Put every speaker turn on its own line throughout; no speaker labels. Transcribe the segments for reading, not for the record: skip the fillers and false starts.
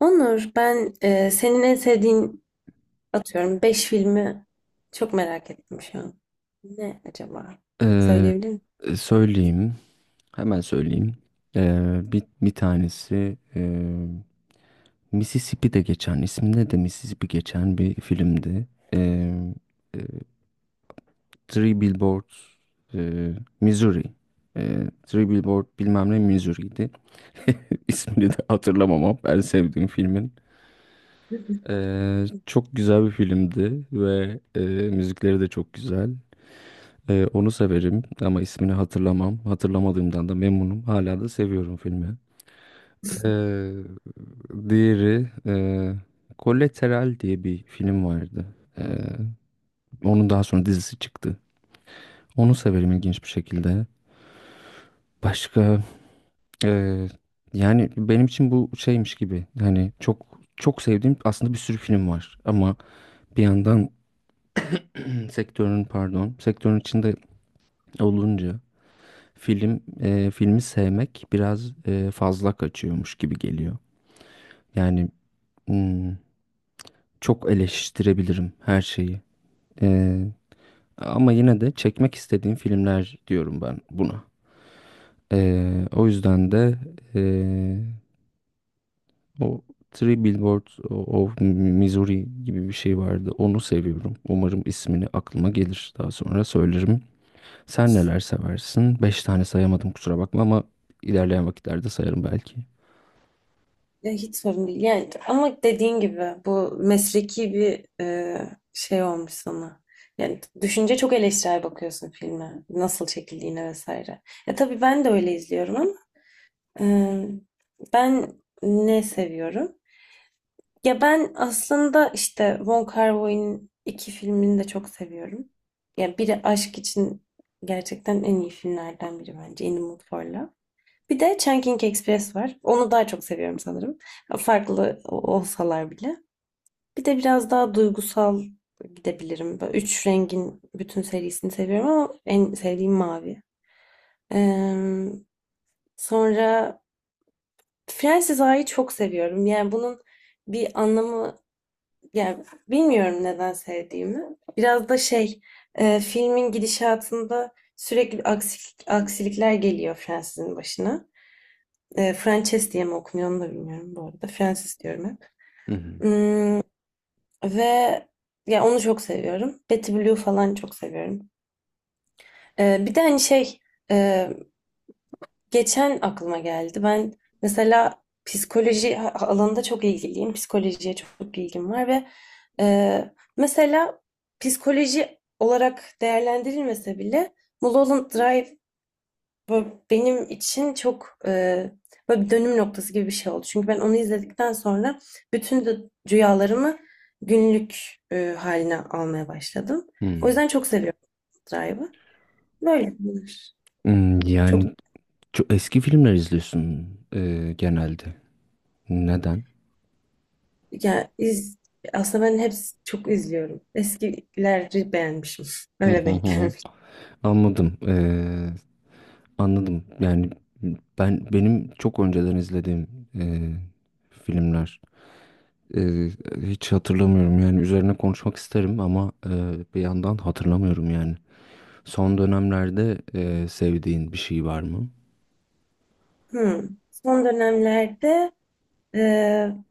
Onur, ben, senin en sevdiğin, atıyorum, 5 filmi çok merak ettim şu an. Ne acaba?
Eee,
Söyleyebilir
söyleyeyim. Hemen söyleyeyim. Bir tanesi Mississippi'de geçen, isminde de Mississippi geçen bir filmdi. Eee, eee, Three Billboards eee, Missouri. Three Billboard bilmem ne Missouri'ydi. İsmini de hatırlamam ama ben sevdiğim filmin.
misin?
Çok güzel bir filmdi ve müzikleri de çok güzel. Onu severim ama ismini hatırlamam. Hatırlamadığımdan da memnunum. Hala da seviyorum filmi. Ee, diğeri, Collateral diye bir film vardı. Ee, onun daha sonra dizisi çıktı. Onu severim ilginç bir şekilde. Başka e, yani benim için bu şeymiş gibi. Hani çok çok sevdiğim aslında bir sürü film var. Ama bir yandan sektörün pardon sektörün içinde olunca filmi sevmek biraz fazla kaçıyormuş gibi geliyor. Yani hmm, çok eleştirebilirim her şeyi. E, ama yine de çekmek istediğim filmler diyorum ben buna. E, o yüzden de e, o Three Billboards of Missouri gibi bir şey vardı. Onu seviyorum. Umarım ismini aklıma gelir. Daha sonra söylerim. Sen neler seversin? Beş tane sayamadım kusura bakma ama ilerleyen vakitlerde sayarım belki.
Ya, hiç sorun değil. Yani, ama dediğin gibi bu mesleki bir, şey olmuş sana. Yani düşünce çok eleştirel bakıyorsun filme. Nasıl çekildiğine vesaire. Ya, tabii ben de öyle izliyorum, ama e, ben ne seviyorum? Ya, ben aslında işte Wong Kar-wai'nin iki filmini de çok seviyorum. Ya, biri aşk için gerçekten en iyi filmlerden biri bence In the Mood for Love. Bir de Chungking Express var. Onu daha çok seviyorum sanırım. Farklı olsalar bile. Bir de biraz daha duygusal gidebilirim. Böyle üç rengin bütün serisini seviyorum, ama en sevdiğim mavi. Ee, Sonra Fransız A'yı çok seviyorum. Yani bunun bir anlamı... Ya, bilmiyorum neden sevdiğimi. Biraz da şey, filmin gidişatında sürekli aksilikler geliyor Francis'in başına. Frances diye mi okunuyor, onu da bilmiyorum bu arada. Francis diyorum hep.
Hı hı.
Hmm, Ve ya onu çok seviyorum. Betty Blue falan çok seviyorum. Bir de hani şey, e, geçen aklıma geldi. Ben mesela psikoloji alanında çok ilgiliyim. Psikolojiye çok ilgim var ve e, mesela psikoloji olarak değerlendirilmese bile Mulholland Drive böyle benim için çok, böyle bir dönüm noktası gibi bir şey oldu. Çünkü ben onu izledikten sonra bütün de rüyalarımı günlük haline almaya başladım. O
Hı.
yüzden çok seviyorum Drive'ı. Böyle bunlar. Çok
Yani çok eski filmler izliyorsun genelde. Neden?
Ya iz, Aslında ben hepsi çok izliyorum. Eskileri beğenmişim.
Hı
Öyle
hı
denk
hı.
gelmiş.
Anladım. Anladım. Yani benim çok önceden izlediğim e, filmler e, hiç hatırlamıyorum. Yani üzerine konuşmak isterim ama bir yandan hatırlamıyorum yani. Son dönemlerde sevdiğin bir şey var mı?
Hmm. Son dönemlerde, e,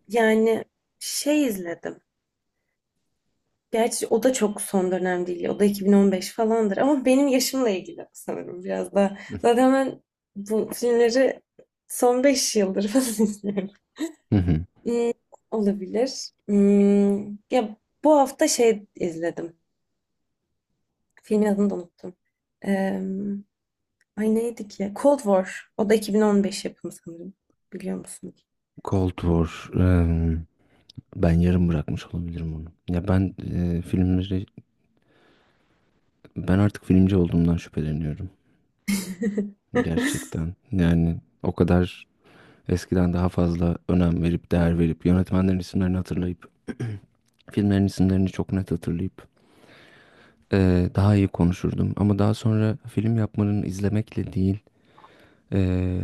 yani şey izledim. Gerçi o da çok son dönem değil. O da 2015 falandır. Ama benim yaşımla ilgili sanırım biraz da. Zaten ben bu filmleri son 5 yıldır falan izliyorum.
Hı hı.
Hmm, Olabilir. Ya, bu hafta şey izledim. Filmin adını da unuttum. Ay, neydi ki? Cold War. O da 2015 yapımı sanırım. Biliyor musun?
Cold War. Ben yarım bırakmış olabilirim onu. Ya ben e, filmleri Ben artık filmci olduğumdan şüpheleniyorum. Gerçekten. Yani o kadar eskiden daha fazla önem verip, değer verip, yönetmenlerin isimlerini hatırlayıp, filmlerin isimlerini çok net hatırlayıp daha iyi konuşurdum. Ama daha sonra film yapmanın izlemekle değil, eee,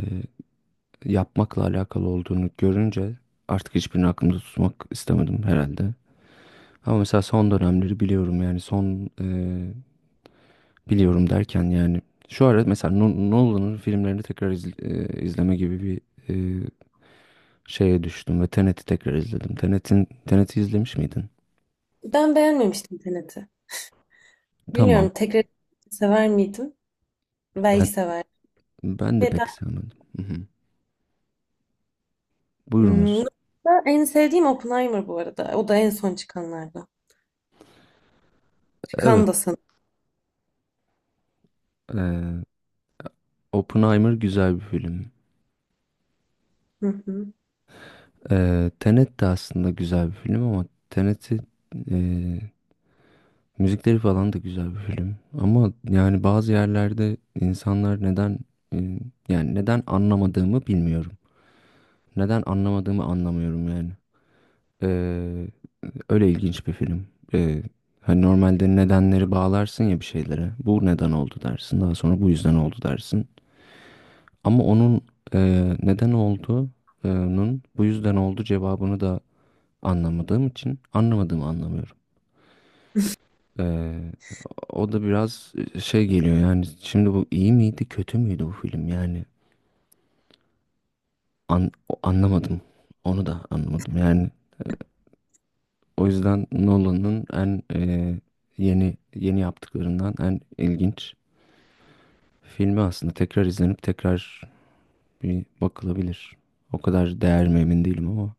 yapmakla alakalı olduğunu görünce artık hiçbirini aklımda tutmak istemedim herhalde. Ama mesela son dönemleri biliyorum yani son biliyorum derken yani şu ara mesela Nolan'ın filmlerini izleme gibi bir e, şeye düştüm ve Tenet'i tekrar izledim. Tenet'i izlemiş miydin?
Ben beğenmemiştim Tenet'i.
Tamam.
Bilmiyorum, tekrar sever miydim? Belki
Ben
sever.
ben de
Ve ben,
pek sevmedim. Hı hı. Buyurunuz.
Nolan'da en sevdiğim Oppenheimer bu arada. O da en son çıkanlardan.
Evet.
Çıkan da sanırım.
E, Oppenheimer güzel bir film.
Hı hı.
Tenet de aslında güzel bir film ama Tenet'i e, müzikleri falan da güzel bir film. Ama yani bazı yerlerde insanlar e, yani neden anlamadığımı bilmiyorum. Neden anlamadığımı anlamıyorum yani. Ee, öyle ilginç bir film. Ee, hani normalde nedenleri bağlarsın ya bir şeylere. Bu neden oldu dersin. Daha sonra bu yüzden oldu dersin. Ama onun e, neden olduğunun bu yüzden oldu cevabını da anlamadığım için anlamadığımı anlamıyorum. Ee, o da biraz şey geliyor yani. Şimdi bu iyi miydi kötü müydü bu film yani. An- anlamadım. Onu da anlamadım. Yani o yüzden Nolan'ın en yeni yeni yaptıklarından en ilginç filmi aslında. Tekrar izlenip tekrar bir bakılabilir. O kadar değer mi emin değilim ama.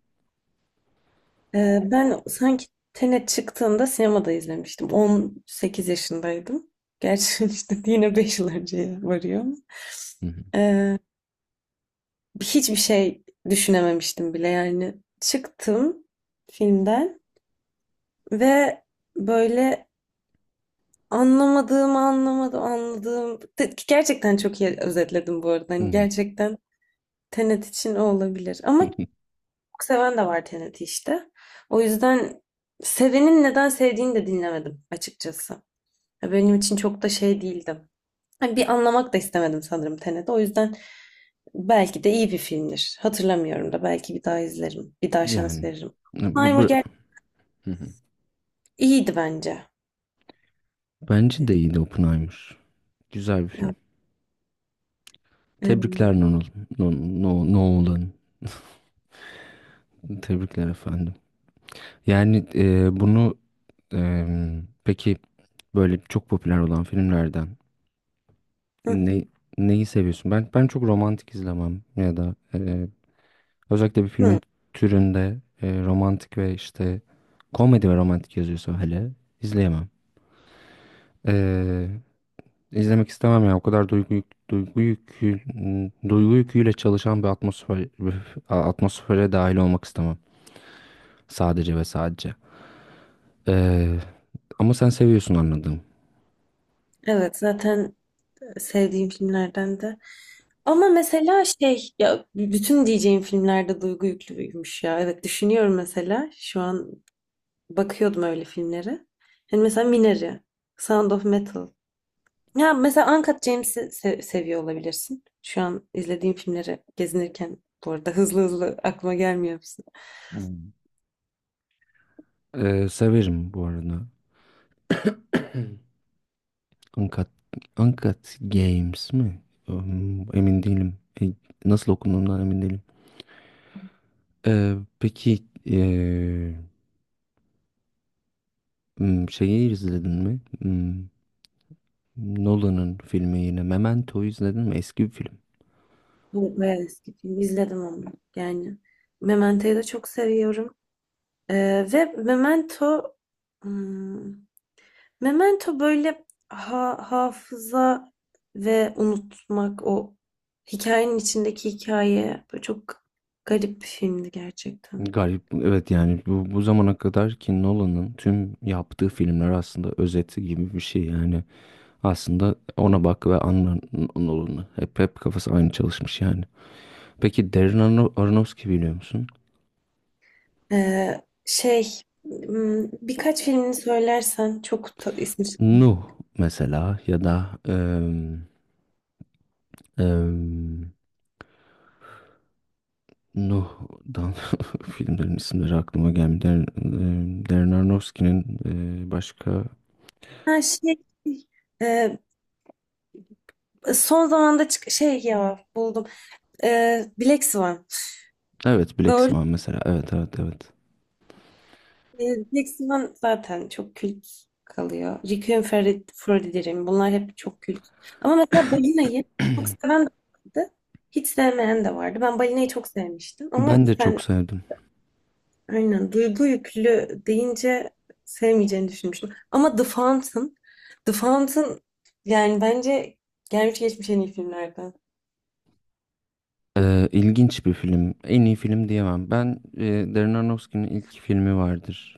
Ben sanki Tenet çıktığında sinemada izlemiştim. 18 yaşındaydım. Gerçi işte yine 5 yıl önceye varıyor.
Hı hı.
Hiçbir şey düşünememiştim bile yani. Çıktım filmden ve böyle anlamadığım, anlamadım, anladığım. Gerçekten çok iyi özetledim bu arada.
Hı
Hani
hı.
gerçekten Tenet için o olabilir. Ama çok seven de var Tenet'i işte. O yüzden sevenin neden sevdiğini de dinlemedim açıkçası. Ya, benim için çok da şey değildi. Hani bir anlamak da istemedim sanırım Tenet'i. O yüzden belki de iyi bir filmdir. Hatırlamıyorum da, belki bir daha izlerim. Bir daha şans
Yani
veririm.
e, bu, bu
Primer
Hı hı.
iyiydi bence.
Bence de
Dedi.
iyiydi Oppenheimer. Güzel bir film.
Evet. Ee,
Tebrikler Nolan. No, no, Nolan. Tebrikler efendim. Yani bunu e, peki böyle çok popüler olan filmlerden
hı hı.
Ne, neyi seviyorsun? Ben çok romantik izlemem ya da özellikle bir
Hı.
filmin türünde, romantik ve işte komedi ve romantik yazıyorsa hele izleyemem. E, izlemek istemem ya. O kadar duygu yükü, duygu yüküyle çalışan bir atmosfer atmosfere dahil olmak istemem. Sadece ve sadece. E, ama sen seviyorsun anladım.
Evet, zaten sevdiğim filmlerden de. Ama mesela şey, ya bütün diyeceğim filmlerde duygu yüklüymüş ya. Evet, düşünüyorum, mesela şu an bakıyordum öyle filmlere. Hani mesela Minari, Sound of Metal. Ya, mesela Uncut James'i seviyor olabilirsin. Şu an izlediğim filmleri gezinirken bu arada hızlı hızlı aklıma gelmiyor musun?
Hmm. Severim bu arada. Uncut, Uncut Games mi? Emin değilim. E, Nasıl okunduğundan emin değilim. Ee, peki ee, şeyi izledin mi? Nolan'ın filmi yine Memento'yu izledin mi? Eski bir film.
Bu bayağı eski film. İzledim onu. Yani Memento'yu da çok seviyorum. Ve hmm, Memento böyle, hafıza ve unutmak, o hikayenin içindeki hikaye, böyle çok garip bir filmdi gerçekten.
Garip. Evet yani bu zamana kadar ki Nolan'ın tüm yaptığı filmler aslında özeti gibi bir şey. Yani aslında ona bak ve anla Nolan'ı. Hep kafası aynı çalışmış yani. Peki Aronofsky biliyor musun?
Şey, birkaç filmini söylersen çok ismi...
Nuh mesela ya da em, Nuh'dan filmlerin isimleri aklıma gelmiyor. Darren Aronofsky'nin başka
Ha şey, e, son zamanda şey ya, buldum. Black Swan.
evet Black
Doğru.
Swan mesela, evet, evet, evet.
E, Black Swan zaten çok kült kalıyor. Requiem for a Dream. Bunlar hep çok kült. Ama mesela Balina'yı çok seven de vardı. Hiç sevmeyen de vardı. Ben Balina'yı çok sevmiştim. Ama
Ben de çok
sen...
sevdim.
Aynen. Duygu yüklü deyince sevmeyeceğini düşünmüştüm. Ama The Fountain, The Fountain yani bence gelmiş geçmiş en iyi filmlerden.
İlginç bir film. En iyi film diyemem. Darren Aronofsky'nin ilk filmi vardır.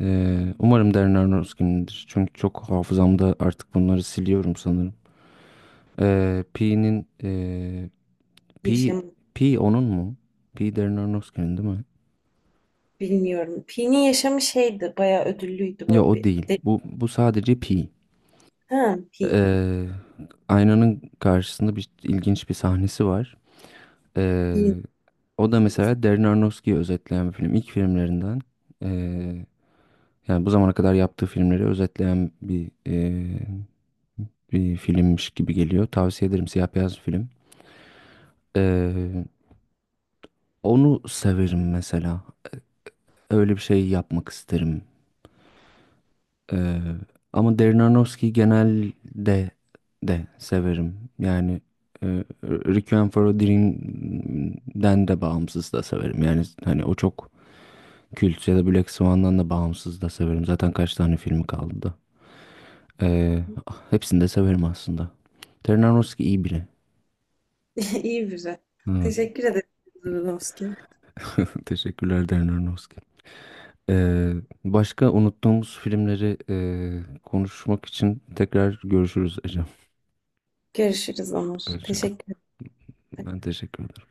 Umarım Darren Aronofsky'nindir. Çünkü çok hafızamda artık bunları siliyorum sanırım. Ee, Pi'nin Pi,
Yaşamı
Pi onun mu? Pi Darren Aronofsky'nin değil mi?
bilmiyorum. Pi'nin yaşamı şeydi, bayağı ödüllüydü
Ya
böyle
o
bir.
değil. Bu sadece Pi.
Ha, Pi.
Ee, aynanın karşısında bir ilginç bir sahnesi var. Ee,
İyi,
o da
güzel.
mesela Darren Aronofsky'yi özetleyen bir film. İlk filmlerinden. ee, yani bu zamana kadar yaptığı filmleri özetleyen bir filmmiş gibi geliyor. Tavsiye ederim. Siyah beyaz bir film. Ee, onu severim mesela. Öyle bir şey yapmak isterim. Ee, ama Darren Aronofsky'yi genelde de severim. Yani e, Requiem for a Dream'den de bağımsız da severim. Yani hani o çok kült ya da Black Swan'dan da bağımsız da severim. Zaten kaç tane filmi kaldı da. Ee, hepsini de severim aslında. Darren Aronofsky iyi biri.
İyi güzel.
Evet.
Teşekkür ederim. Zırnovski.
Teşekkürler Darren Aronofsky. Ee, başka unuttuğumuz filmleri konuşmak için tekrar görüşürüz Ecem.
Görüşürüz Onur.
Hoşça kal.
Teşekkür ederim.
Ben teşekkür ederim.